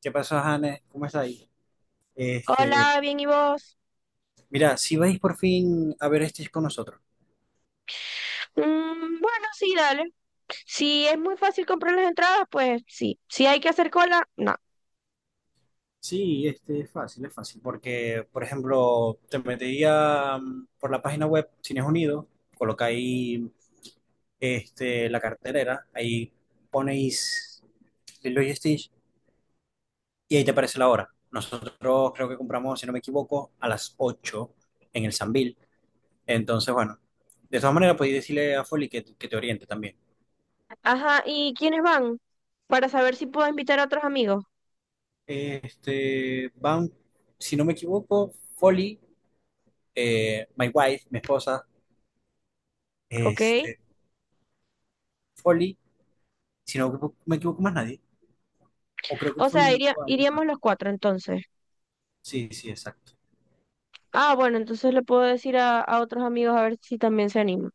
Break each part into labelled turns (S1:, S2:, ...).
S1: ¿Qué pasó, Hannes? ¿Cómo está ahí? Este,
S2: Hola, bien, ¿y vos?
S1: Mira, si vais por fin a ver este con nosotros.
S2: Mm, bueno, sí, dale. Si es muy fácil comprar las entradas, pues sí. Si hay que hacer cola, no.
S1: Sí, este es fácil, es fácil, porque, por ejemplo, te metería por la página web Cines Unidos, colocáis, la cartelera, ahí ponéis Lilo y Stitch, y ahí te aparece la hora. Nosotros creo que compramos, si no me equivoco, a las 8 en el Sambil. Entonces, bueno, de todas maneras podéis decirle a Folly que te oriente también.
S2: Ajá, ¿y quiénes van? Para saber si puedo invitar a otros amigos,
S1: Van, si no me equivoco, Folly, my wife, mi esposa,
S2: ¿ok?
S1: este, Folly, si no me equivoco más nadie, o creo que
S2: O
S1: Folly
S2: sea,
S1: me equivoco a alguien más.
S2: iríamos los cuatro entonces.
S1: Sí, sí, exacto.
S2: Ah, bueno, entonces le puedo decir a otros amigos a ver si también se animan.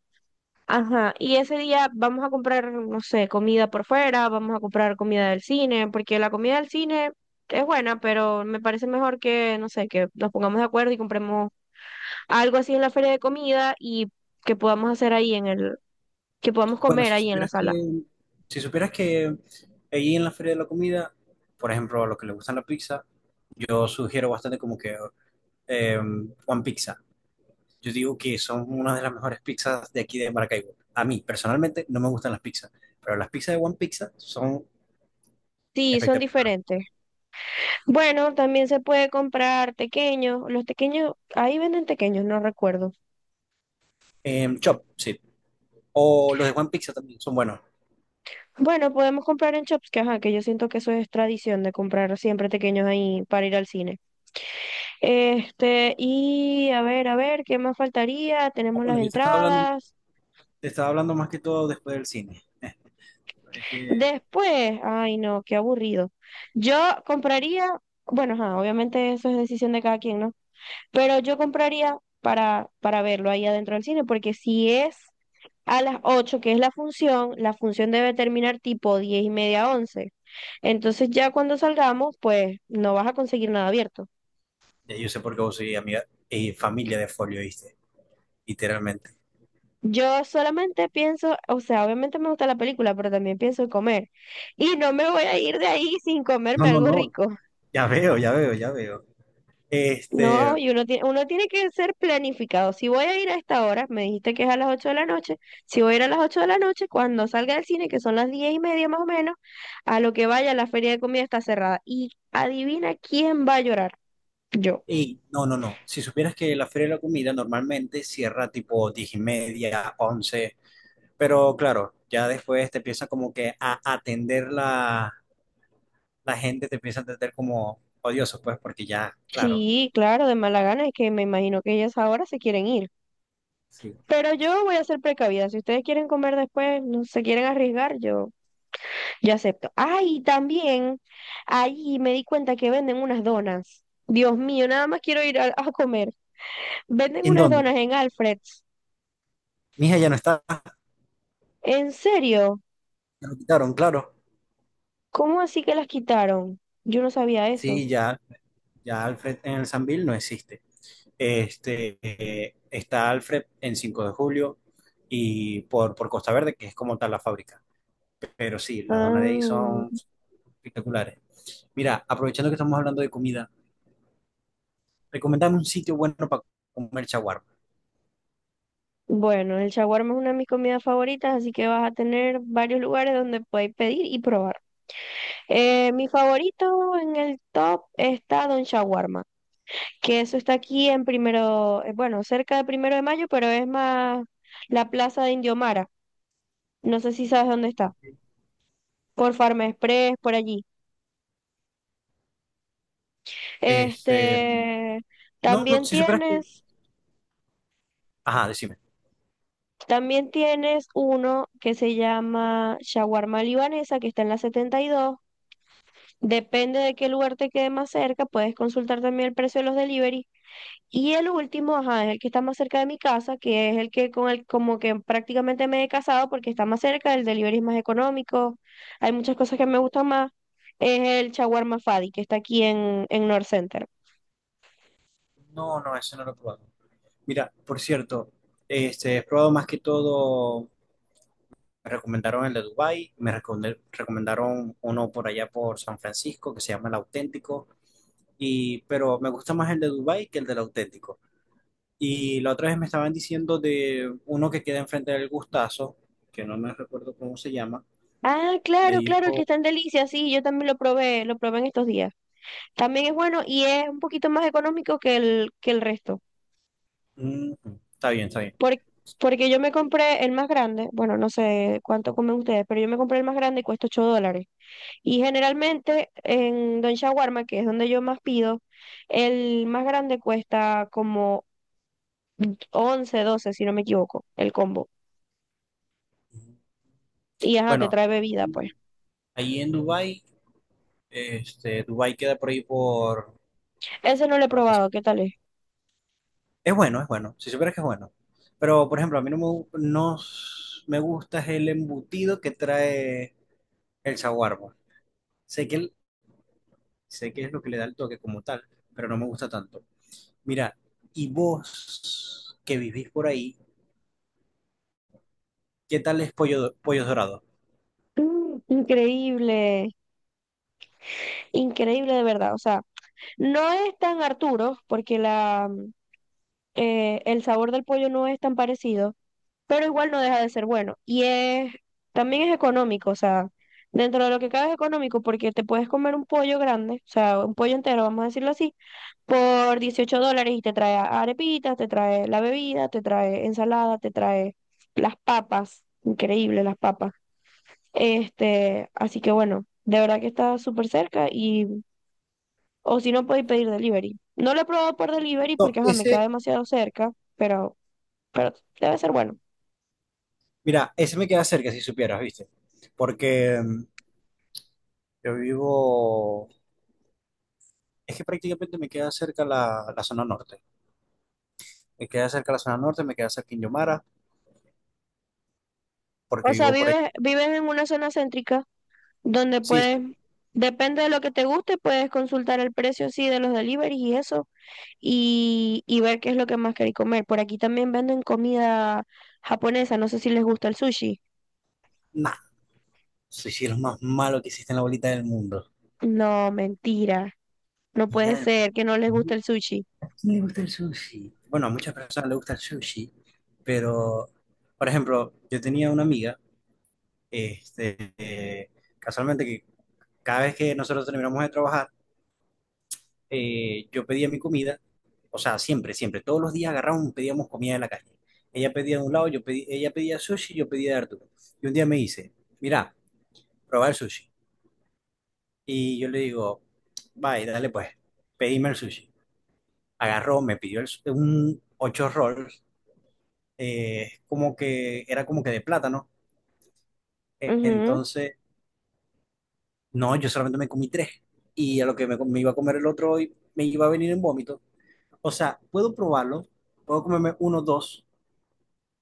S2: Ajá, y ese día vamos a comprar, no sé, comida por fuera, vamos a comprar comida del cine, porque la comida del cine es buena, pero me parece mejor que, no sé, que nos pongamos de acuerdo y compremos algo así en la feria de comida y que podamos hacer ahí en el, que podamos
S1: Bueno,
S2: comer ahí en la sala.
S1: si supieras que ahí en la feria de la comida, por ejemplo, a los que les gustan la pizza, yo sugiero bastante como que eh, One Pizza. Yo digo que son una de las mejores pizzas de aquí de Maracaibo. A mí, personalmente, no me gustan las pizzas, pero las pizzas de One Pizza son
S2: Sí, son
S1: espectaculares.
S2: diferentes. Bueno, también se puede comprar tequeños, los tequeños, ahí venden tequeños, no recuerdo.
S1: Chop, sí. O los de One Pizza también son buenos.
S2: Bueno, podemos comprar en shops, que ajá, que yo siento que eso es tradición de comprar siempre tequeños ahí para ir al cine. Este, y a ver, ¿qué más faltaría?
S1: Ah,
S2: Tenemos las
S1: bueno, yo
S2: entradas.
S1: te estaba hablando más que todo después del cine. Es que
S2: Después, ay no, qué aburrido. Yo compraría, bueno, ajá, obviamente eso es decisión de cada quien, ¿no? Pero yo compraría para verlo ahí adentro del cine, porque si es a las 8 que es la función debe terminar tipo 10 y media, once. Entonces ya cuando salgamos, pues no vas a conseguir nada abierto.
S1: ya yo sé por qué vos sois amiga y familia de Folio, ¿viste? Literalmente.
S2: Yo solamente pienso, o sea, obviamente me gusta la película, pero también pienso en comer. Y no me voy a ir de ahí sin
S1: No,
S2: comerme
S1: no,
S2: algo
S1: no.
S2: rico.
S1: Ya veo, ya veo, ya veo.
S2: No,
S1: Este,
S2: y uno tiene que ser planificado. Si voy a ir a esta hora, me dijiste que es a las 8 de la noche, si voy a ir a las 8 de la noche, cuando salga del cine, que son las 10 y media más o menos, a lo que vaya, la feria de comida está cerrada. Y adivina quién va a llorar. Yo.
S1: no, no, no. Si supieras que la Feria de la Comida normalmente cierra tipo 10:30, 11, pero claro, ya después te empiezan como que a atender la, la gente, te empieza a atender como odioso, pues, porque ya, claro.
S2: Sí, claro, de mala gana, es que me imagino que ellas ahora se quieren ir.
S1: Sí.
S2: Pero yo voy a ser precavida. Si ustedes quieren comer después, no se quieren arriesgar, yo acepto. Ay, también ahí me di cuenta que venden unas donas. Dios mío, nada más quiero ir a comer. Venden
S1: ¿En
S2: unas
S1: dónde?
S2: donas en Alfred's.
S1: Mija ya no está,
S2: ¿En serio?
S1: ya lo quitaron, claro.
S2: ¿Cómo así que las quitaron? Yo no sabía eso.
S1: Sí, ya, ya Alfred en el Sambil no existe. Está Alfred en 5 de Julio y por Costa Verde, que es como tal la fábrica. Pero sí, las donas de ahí son
S2: Ah,
S1: espectaculares. Mira, aprovechando que estamos hablando de comida, recomendame un sitio bueno para comer chaguarma.
S2: bueno, el shawarma es una de mis comidas favoritas, así que vas a tener varios lugares donde podéis pedir y probar. Mi favorito en el top está Don Shawarma, que eso está aquí en primero, bueno, cerca de primero de mayo, pero es más la plaza de Indiomara. No sé si sabes dónde está.
S1: ¿Ok?
S2: Por Farm Express, por allí.
S1: Este,
S2: Este,
S1: no, no,
S2: también
S1: si supieras que...
S2: tienes,
S1: Ajá, decime.
S2: también tienes uno que se llama Shawarma Libanesa, que está en la 72. Depende de qué lugar te quede más cerca, puedes consultar también el precio de los delivery. Y el último, ajá, es el que está más cerca de mi casa, que es el que con el como que prácticamente me he casado porque está más cerca, el delivery es más económico, hay muchas cosas que me gustan más, es el Shawarma Fadi, que está aquí en North Center.
S1: No, no, eso no lo he probado. Mira, por cierto, he probado más que todo. Me recomendaron el de Dubái, recomendaron uno por allá por San Francisco que se llama El Auténtico, y, pero me gusta más el de Dubái que el del Auténtico. Y la otra vez me estaban diciendo de uno que queda enfrente del Gustazo, que no me recuerdo cómo se llama,
S2: Ah,
S1: me
S2: claro, claro, el que
S1: dijo:
S2: está en Delicia, sí, yo también lo probé en estos días. También es bueno y es un poquito más económico que el resto.
S1: "Mm, está bien, está bien.
S2: Por- porque yo me compré el más grande, bueno, no sé cuánto comen ustedes, pero yo me compré el más grande y cuesta 8 dólares. Y generalmente en Don Shawarma, que es donde yo más pido, el más grande cuesta como 11 12 si no me equivoco, el combo. Y ajá, te
S1: Bueno,
S2: trae bebida,
S1: mm,
S2: pues.
S1: ahí en Dubái, Dubái queda por ahí
S2: Ese no lo he
S1: por la plaza.
S2: probado, ¿qué tal es?
S1: Es bueno, es bueno. Si supieras que es bueno. Pero, por ejemplo, a mí no me, gu- no s- me gusta es el embutido que trae el saguarbo. Sé que, el- Sé que es lo que le da el toque como tal, pero no me gusta tanto. Mira, y vos que vivís por ahí, ¿qué tal es pollo, pollos dorados?
S2: Mm, increíble, increíble de verdad. O sea, no es tan Arturo, porque la, el sabor del pollo no es tan parecido, pero igual no deja de ser bueno. Y es, también es económico, o sea, dentro de lo que cabe es económico porque te puedes comer un pollo grande, o sea, un pollo entero, vamos a decirlo así, por 18 dólares y te trae arepitas, te trae la bebida, te trae ensalada, te trae las papas, increíble las papas. Así que bueno, de verdad que está súper cerca y, o si no, podéis pedir delivery. No lo he probado por delivery
S1: No,
S2: porque, ajá, me queda
S1: ese,
S2: demasiado cerca, pero pero debe ser bueno.
S1: mira, ese me queda cerca si supieras, ¿viste? Porque yo vivo, es que prácticamente me queda cerca la zona norte. Me queda cerca la zona norte, me queda cerca Quindío Mara,
S2: O
S1: porque
S2: sea,
S1: vivo por ahí.
S2: vives, vives en una zona céntrica donde
S1: Sí,
S2: puedes,
S1: sí.
S2: depende de lo que te guste, puedes consultar el precio sí de los deliveries y eso, y ver qué es lo que más queréis comer. Por aquí también venden comida japonesa, no sé si les gusta el sushi.
S1: Nah, sushi es lo más malo que existe en la bolita del mundo.
S2: No, mentira. No
S1: Y
S2: puede
S1: a
S2: ser que no les guste el sushi.
S1: mí me gusta el sushi. Bueno, a muchas personas le gusta el sushi, pero, por ejemplo, yo tenía una amiga, este, eh, casualmente que cada vez que nosotros terminamos de trabajar, yo pedía mi comida, o sea, siempre, siempre, todos los días agarrábamos y pedíamos comida de la calle. Ella pedía de un lado, yo pedí, ella pedía sushi, yo pedía de Arturo. Y un día me dice, mira, probar el sushi. Y yo le digo, vaya, dale pues, pedime el sushi. Agarró, un 8 rolls, como que era como que de plátano.
S2: Ujú,
S1: Entonces, no, yo solamente me comí tres. Y a lo que me iba a comer el otro hoy, me iba a venir en vómito. O sea, puedo probarlo, puedo comerme uno, dos,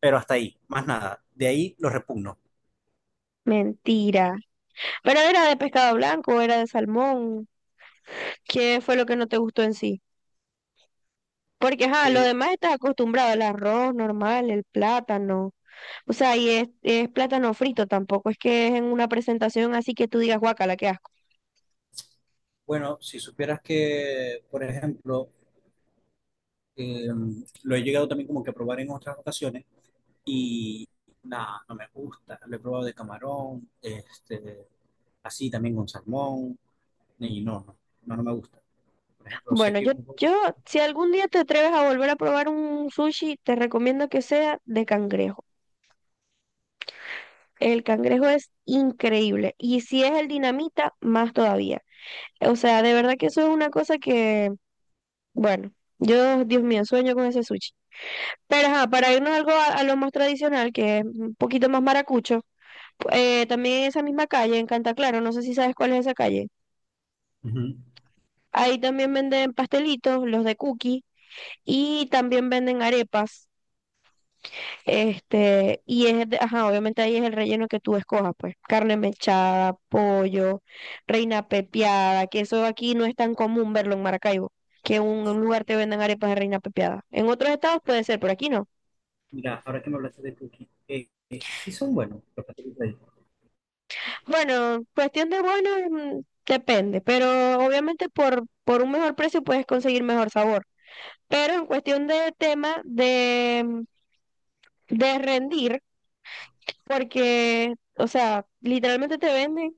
S1: pero hasta ahí, más nada. De ahí lo repugno.
S2: mentira. Pero era de pescado blanco, era de salmón. ¿Qué fue lo que no te gustó en sí? Porque, ajá, lo
S1: Eh,
S2: demás estás acostumbrado, el arroz normal, el plátano. O sea, y es plátano frito tampoco, es que es en una presentación así que tú digas, guacala, qué asco.
S1: bueno, si supieras que, por ejemplo, eh, lo he llegado también como que a probar en otras ocasiones. Y nada, no me gusta. Lo he probado de camarón, así también con salmón. Y no, no, no, no me gusta. Por ejemplo, sé
S2: Bueno,
S1: que...
S2: yo, si algún día te atreves a volver a probar un sushi, te recomiendo que sea de cangrejo. El cangrejo es increíble. Y si es el dinamita, más todavía. O sea, de verdad que eso es una cosa que, bueno, yo, Dios mío, sueño con ese sushi. Pero ajá, para irnos algo a lo más tradicional, que es un poquito más maracucho, también en esa misma calle, en Cantaclaro, no sé si sabes cuál es esa calle.
S1: Ujú.
S2: Ahí también venden pastelitos, los de cookie, y también venden arepas. Y es, ajá, obviamente ahí es el relleno que tú escojas, pues. Carne mechada, pollo, reina pepiada, que eso aquí no es tan común verlo en Maracaibo, que un lugar te vendan arepas de reina pepiada. En otros estados puede ser, por aquí no.
S1: Mira, ahora que me hablaste de cookies, sí son buenos los pasteles de ahí.
S2: Bueno, cuestión de bueno, mm, depende, pero obviamente por un mejor precio puedes conseguir mejor sabor, pero en cuestión de tema de rendir, porque, o sea, literalmente te venden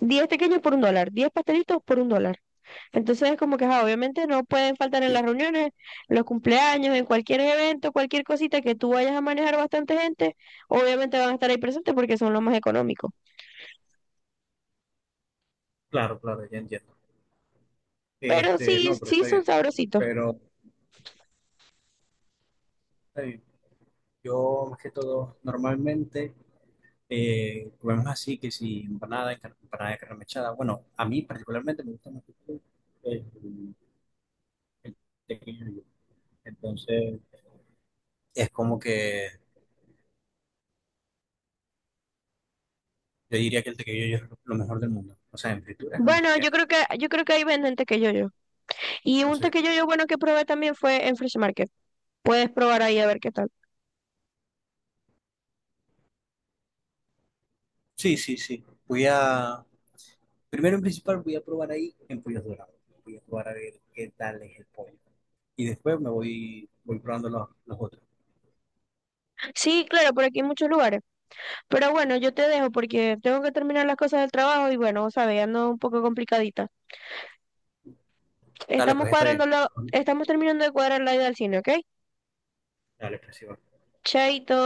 S2: 10 pequeños por un dólar, 10 pastelitos por un dólar. Entonces es como que, ajá, obviamente no pueden faltar en las reuniones, en los cumpleaños, en cualquier evento, cualquier cosita que tú vayas a manejar bastante gente, obviamente van a estar ahí presentes porque son los más económicos.
S1: Claro, claro, ya entiendo.
S2: Pero sí,
S1: No, pero
S2: sí
S1: está
S2: son
S1: bien.
S2: sabrositos.
S1: Pero está bien. Yo, más que todo, normalmente comemos así, que si empanada, empanada de carne mechada. Bueno, a mí particularmente me gusta más el, el tequillo. Entonces, es como que yo diría que el tequillo es lo mejor del mundo. O sea, en fritura es lo mejor
S2: Bueno,
S1: que hay.
S2: yo creo que ahí venden tequeyoyo. Y
S1: No
S2: un
S1: sé.
S2: tequeyoyo bueno que probé también fue en Fresh Market. Puedes probar ahí a ver qué tal.
S1: Sí, sí, sí. Voy a, primero en principal voy a probar ahí en pollos dorados. Voy a probar a ver qué tal es el pollo. Y después me voy, voy probando los otros.
S2: Sí, claro, por aquí hay muchos lugares. Pero bueno, yo te dejo porque tengo que terminar las cosas del trabajo y bueno, sabes, ando un poco complicadita.
S1: Dale,
S2: Estamos
S1: pues está bien.
S2: estamos terminando de cuadrar la ida al cine, ¿ok?
S1: Dale, pues sí, va.
S2: Chaito.